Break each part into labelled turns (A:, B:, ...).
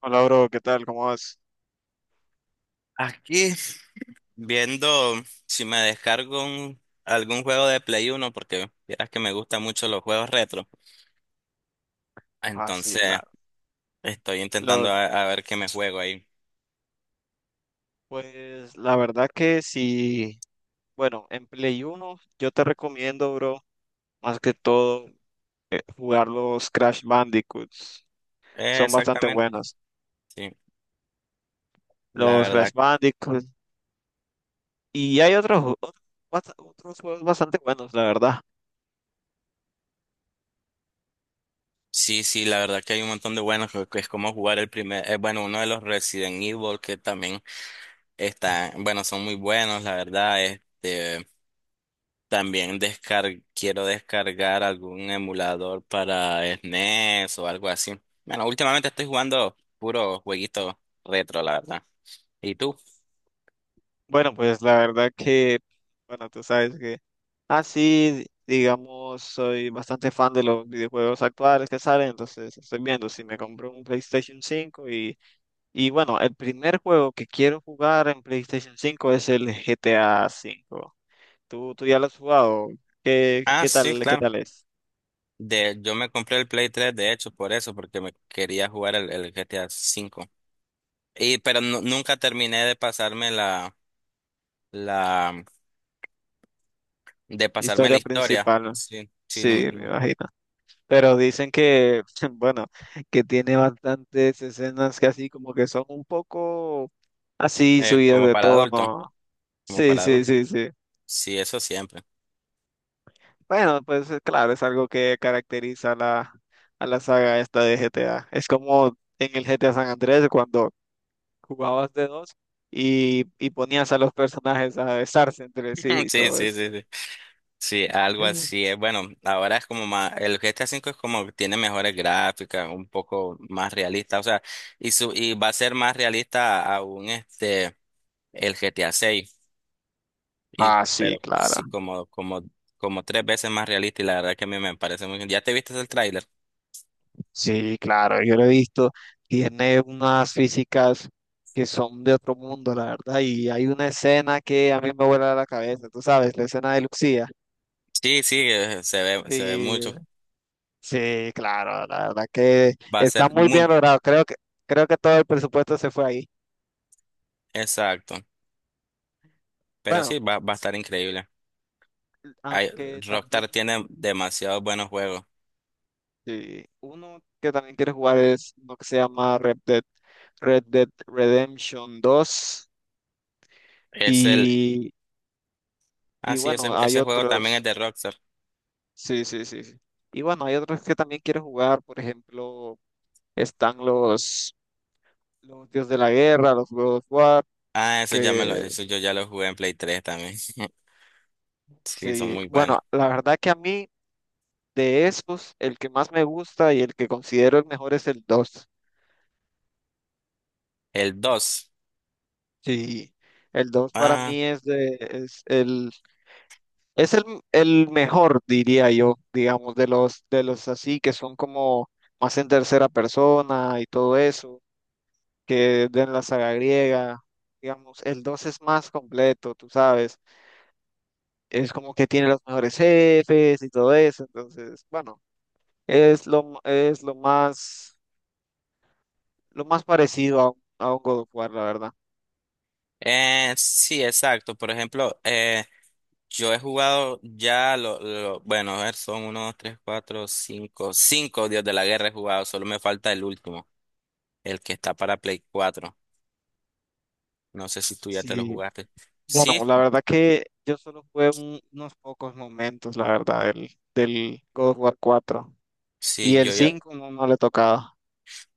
A: Hola, bro, ¿qué tal? ¿Cómo vas?
B: Aquí viendo si me algún juego de Play Uno porque vieras que me gustan mucho los juegos retro.
A: Ah, sí,
B: Entonces
A: claro.
B: estoy intentando
A: Los,
B: a ver qué me juego ahí.
A: pues la verdad que sí, bueno, en Play 1 yo te recomiendo, bro, más que todo jugar los Crash Bandicoots. Son bastante
B: Exactamente.
A: buenos.
B: Sí, la
A: Los Crash
B: verdad.
A: Bandicoots. Y hay otros, otros juegos bastante buenos, la verdad.
B: Sí, sí, la verdad que hay un montón de buenos que es como jugar el primer, bueno, uno de los Resident Evil que también está, bueno, son muy buenos, la verdad. También descar quiero descargar algún emulador para SNES o algo así. Bueno, últimamente estoy jugando puro jueguito retro, la verdad. ¿Y tú?
A: Bueno, pues la verdad que, bueno, tú sabes que así, digamos, soy bastante fan de los videojuegos actuales que salen, entonces estoy viendo si me compro un PlayStation 5 Y bueno, el primer juego que quiero jugar en PlayStation 5 es el GTA 5. ¿Tú ya lo has jugado? ¿Qué,
B: Ah,
A: qué
B: sí,
A: tal, qué
B: claro.
A: tal es?
B: Yo me compré el Play 3, de hecho, por eso, porque me quería jugar el GTA V. Y pero nunca terminé de pasarme la, de pasarme la
A: Historia
B: historia.
A: principal,
B: Sí, sí,
A: sí, me imagino. Pero dicen que, bueno, que tiene bastantes escenas que así como que son un poco así subidas
B: como
A: de
B: para adulto,
A: tono.
B: como
A: Sí,
B: para
A: sí,
B: adulto.
A: sí, sí.
B: Sí, eso siempre.
A: Bueno, pues claro, es algo que caracteriza a a la saga esta de GTA. Es como en el GTA San Andrés cuando jugabas de dos y ponías a los personajes a besarse entre sí y
B: Sí,
A: todo
B: sí,
A: eso.
B: sí, sí. Sí, algo así es. Bueno, ahora es como más, el GTA V es como que tiene mejores gráficas, un poco más realista, o sea, y va a ser más realista aún este el GTA VI, y
A: Ah, sí,
B: pero
A: claro.
B: sí como tres veces más realista y la verdad que a mí me parece muy bien. ¿Ya te viste el tráiler?
A: Sí, claro, yo lo he visto. Tiene unas físicas que son de otro mundo, la verdad. Y hay una escena que a mí me vuela la cabeza, tú sabes, la escena de Lucía.
B: Sí, sí, se ve
A: Sí,
B: mucho.
A: sí, claro, la verdad que
B: Va a
A: está
B: ser
A: muy bien
B: muy
A: logrado. Creo que todo el presupuesto se fue ahí.
B: exacto, pero
A: Bueno,
B: sí va a estar increíble. Hay-
A: aunque
B: Rockstar
A: también.
B: tiene demasiados buenos juegos.
A: Sí, uno que también quiere jugar es uno que se llama Red Dead Redemption 2
B: Es el
A: y, y
B: Ah, sí, ese,
A: bueno, hay
B: ese juego también es
A: otros,
B: de Rockstar.
A: sí, sí, sí, sí. Y bueno, hay otros que también quiero jugar, por ejemplo, están los Dios de la Guerra, los God of War,
B: Ah, eso ya me lo,
A: que
B: eso yo ya lo jugué en Play 3 también. Sí, son
A: sí,
B: muy buenos.
A: bueno, la verdad que a mí de esos, el que más me gusta y el que considero el mejor es el dos.
B: El 2,
A: Sí, el 2 para
B: Ah,
A: mí es de, es el Es el mejor, diría yo, digamos, de los así que son como más en tercera persona y todo eso, que de la saga griega, digamos, el 2 es más completo, tú sabes, es como que tiene los mejores jefes y todo eso, entonces, bueno, es lo más parecido a, a un God of War, la verdad.
B: sí, exacto. Por ejemplo, yo he jugado bueno, a ver, son uno, 2, 3, 4, 5, 5 Dios de la Guerra he jugado. Solo me falta el último, el que está para Play 4. No sé si tú ya te lo
A: Sí,
B: jugaste.
A: bueno,
B: Sí,
A: la verdad que yo solo jugué unos pocos momentos, la verdad, del God of War 4. Y
B: sí,
A: el 5 no, no le tocaba.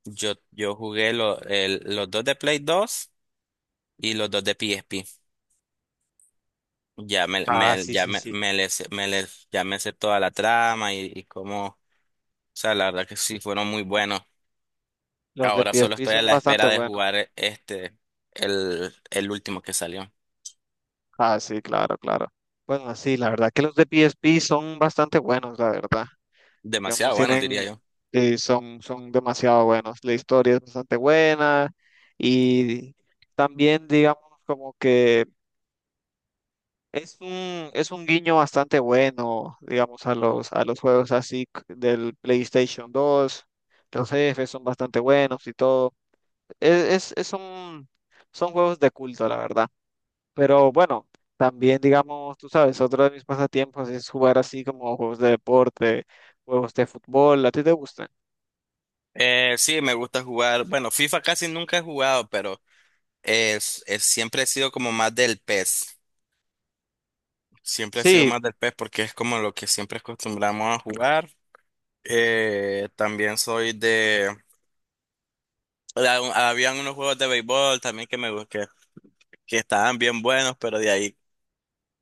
B: yo jugué los dos de Play 2 y los dos de PSP.
A: Ah, sí,
B: Ya
A: sí,
B: me,
A: sí.
B: me, le sé- me le- ya me sé toda la trama y cómo, o sea, la verdad que sí fueron muy buenos.
A: Los de
B: Ahora solo
A: PSP
B: estoy a
A: son
B: la
A: bastante
B: espera de
A: buenos.
B: jugar el último que salió.
A: Ah, sí, claro, claro. Bueno, sí, la verdad que los de PSP son bastante buenos, la verdad. Digamos,
B: Demasiado bueno, diría
A: tienen,
B: yo.
A: son demasiado buenos. La historia es bastante buena y también, digamos, como que es un guiño bastante bueno, digamos, a a los juegos así del PlayStation 2. Los jefes son bastante buenos y todo. Es, es, es un, son juegos de culto, la verdad. Pero bueno, también, digamos, tú sabes, otro de mis pasatiempos es jugar así como juegos de deporte, juegos de fútbol. ¿A ti te gustan?
B: Sí, me gusta jugar. Bueno, FIFA casi nunca he jugado, pero siempre he sido como más del PES. Siempre he sido
A: Sí,
B: más del PES porque es como lo que siempre acostumbramos a jugar. También soy de... Habían unos juegos de béisbol también que me gustan, que estaban bien buenos, pero de ahí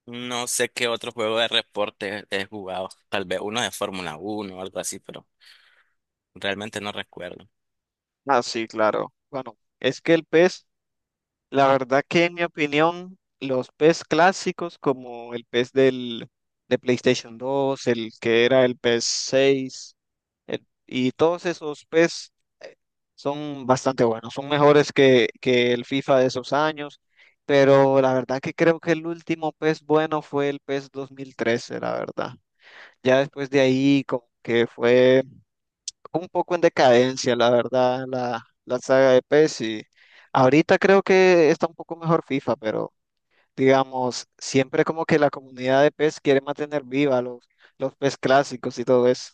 B: no sé qué otro juego de reporte he jugado. Tal vez uno de Fórmula uno o algo así, pero realmente no recuerdo.
A: ah, sí, claro. Bueno, es que el pez, la verdad que en mi opinión, los pez clásicos como el pez de PlayStation 2, el que era el pez 6, y todos esos pez son bastante buenos, son mejores que el FIFA de esos años, pero la verdad que creo que el último PES bueno fue el PES 2013, la verdad. Ya después de ahí como que fue un poco en decadencia, la verdad, la saga de PES y ahorita creo que está un poco mejor FIFA, pero digamos, siempre como que la comunidad de PES quiere mantener viva los PES clásicos y todo eso.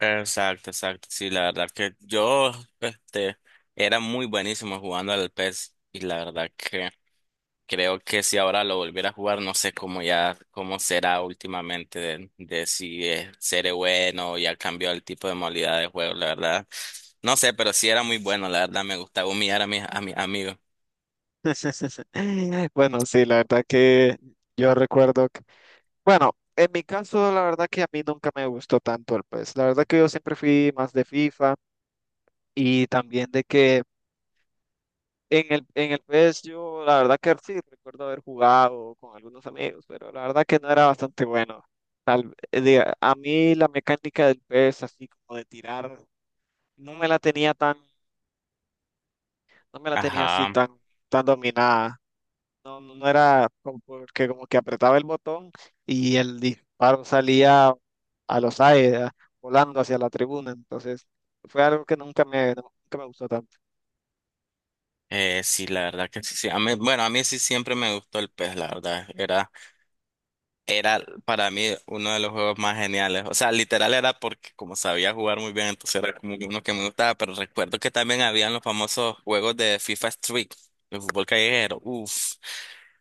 B: Exacto, exacto. Sí, la verdad que este, era muy buenísimo jugando al PES y la verdad que creo que si ahora lo volviera a jugar, no sé cómo ya, cómo será últimamente de si seré bueno o ya cambió el tipo de modalidad de juego, la verdad. No sé, pero sí era muy bueno, la verdad me gustaba humillar a a mis amigos.
A: Bueno, sí, la verdad que yo recuerdo. Bueno, en mi caso, la verdad que a mí nunca me gustó tanto el PES. La verdad que yo siempre fui más de FIFA y también de que en el PES yo, la verdad que sí, recuerdo haber jugado con algunos amigos, pero la verdad que no era bastante bueno. Diga, a mí la mecánica del PES, así como de tirar, no me la tenía tan, no me la tenía así
B: Ajá.
A: tan dominada. No era como porque como que apretaba el botón y el disparo salía a los aires, volando hacia la tribuna. Entonces, fue algo que nunca me gustó tanto.
B: Sí, la verdad que sí, sí. A mí, bueno, a mí sí siempre me gustó el pez, la verdad. Era para mí uno de los juegos más geniales. O sea, literal era porque como sabía jugar muy bien, entonces era como que uno que me gustaba. Pero recuerdo que también habían los famosos juegos de FIFA Street, de fútbol callejero. Uf,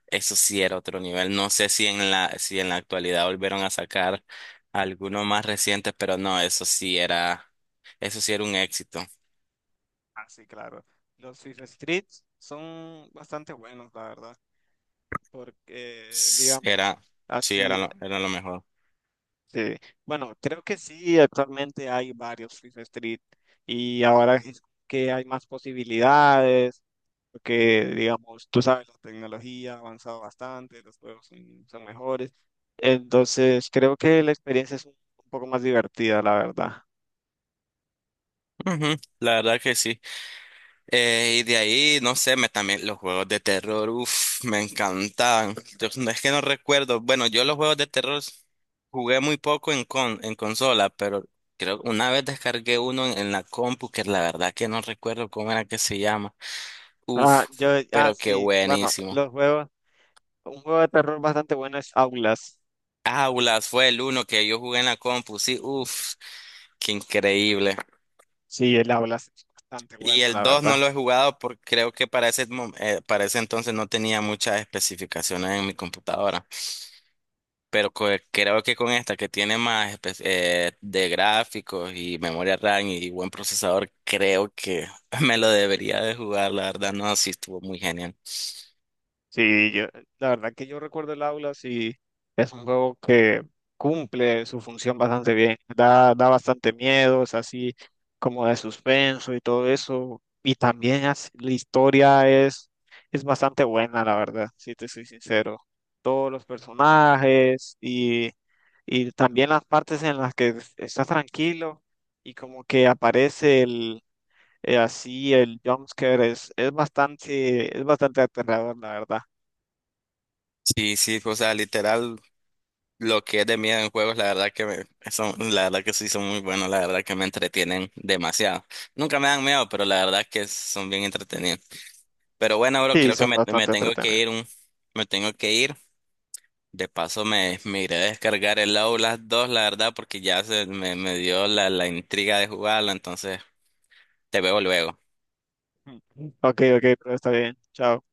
B: eso sí era otro nivel. No sé si si en la actualidad volvieron a sacar alguno más reciente, pero no, eso sí era un éxito.
A: Ah, sí, claro. Los FIFA Streets son bastante buenos, la verdad, porque,
B: S-
A: digamos,
B: Era, sí,
A: así,
B: era lo mejor.
A: sí. Bueno, creo que sí, actualmente hay varios FIFA Street y ahora es que hay más posibilidades porque digamos, tú sabes, la tecnología ha avanzado bastante, los juegos son mejores. Entonces, creo que la experiencia un poco más divertida, la verdad.
B: Ujú, la verdad que sí. Y de ahí, no sé, también los juegos de terror, uff, me encantaban. Yo, no es que no recuerdo. Bueno, yo los juegos de terror jugué muy poco en consola, pero creo que una vez descargué uno en la compu, que la verdad que no recuerdo cómo era que se llama. Uff,
A: Ah,
B: pero qué
A: sí, bueno,
B: buenísimo.
A: un juego de terror bastante bueno es Aulas.
B: Aulas fue el uno que yo jugué en la compu, sí, uff, qué increíble.
A: Sí, el Aulas es bastante
B: Y
A: bueno,
B: el
A: la
B: 2
A: verdad.
B: no lo he jugado porque creo que para para ese entonces no tenía muchas especificaciones en mi computadora. Pero creo que con esta que tiene más de gráficos y memoria RAM y buen procesador, creo que me lo debería de jugar, la verdad. No, sí estuvo muy genial.
A: Sí, yo, la verdad que yo recuerdo el aula, sí, es un juego que cumple su función bastante bien, da bastante miedo, es así como de suspenso y todo eso, y también la historia es bastante buena, la verdad, si te soy sincero. Todos los personajes y también las partes en las que estás tranquilo y como que aparece así el jumpscare, es bastante aterrador, la verdad.
B: Sí, sí, o sea, literal, lo que es de miedo en juegos, la verdad son, la verdad que sí son muy buenos, la verdad que me entretienen demasiado. Nunca me dan miedo, pero la verdad que son bien entretenidos. Pero bueno, bro,
A: Sí,
B: creo que
A: son
B: me
A: bastante
B: tengo que
A: entretenidas.
B: ir me tengo que ir. De paso me iré a descargar el Outlast dos la verdad, porque ya me dio la intriga de jugarlo, entonces te veo luego.
A: Ok, ok, pero está bien. Chao.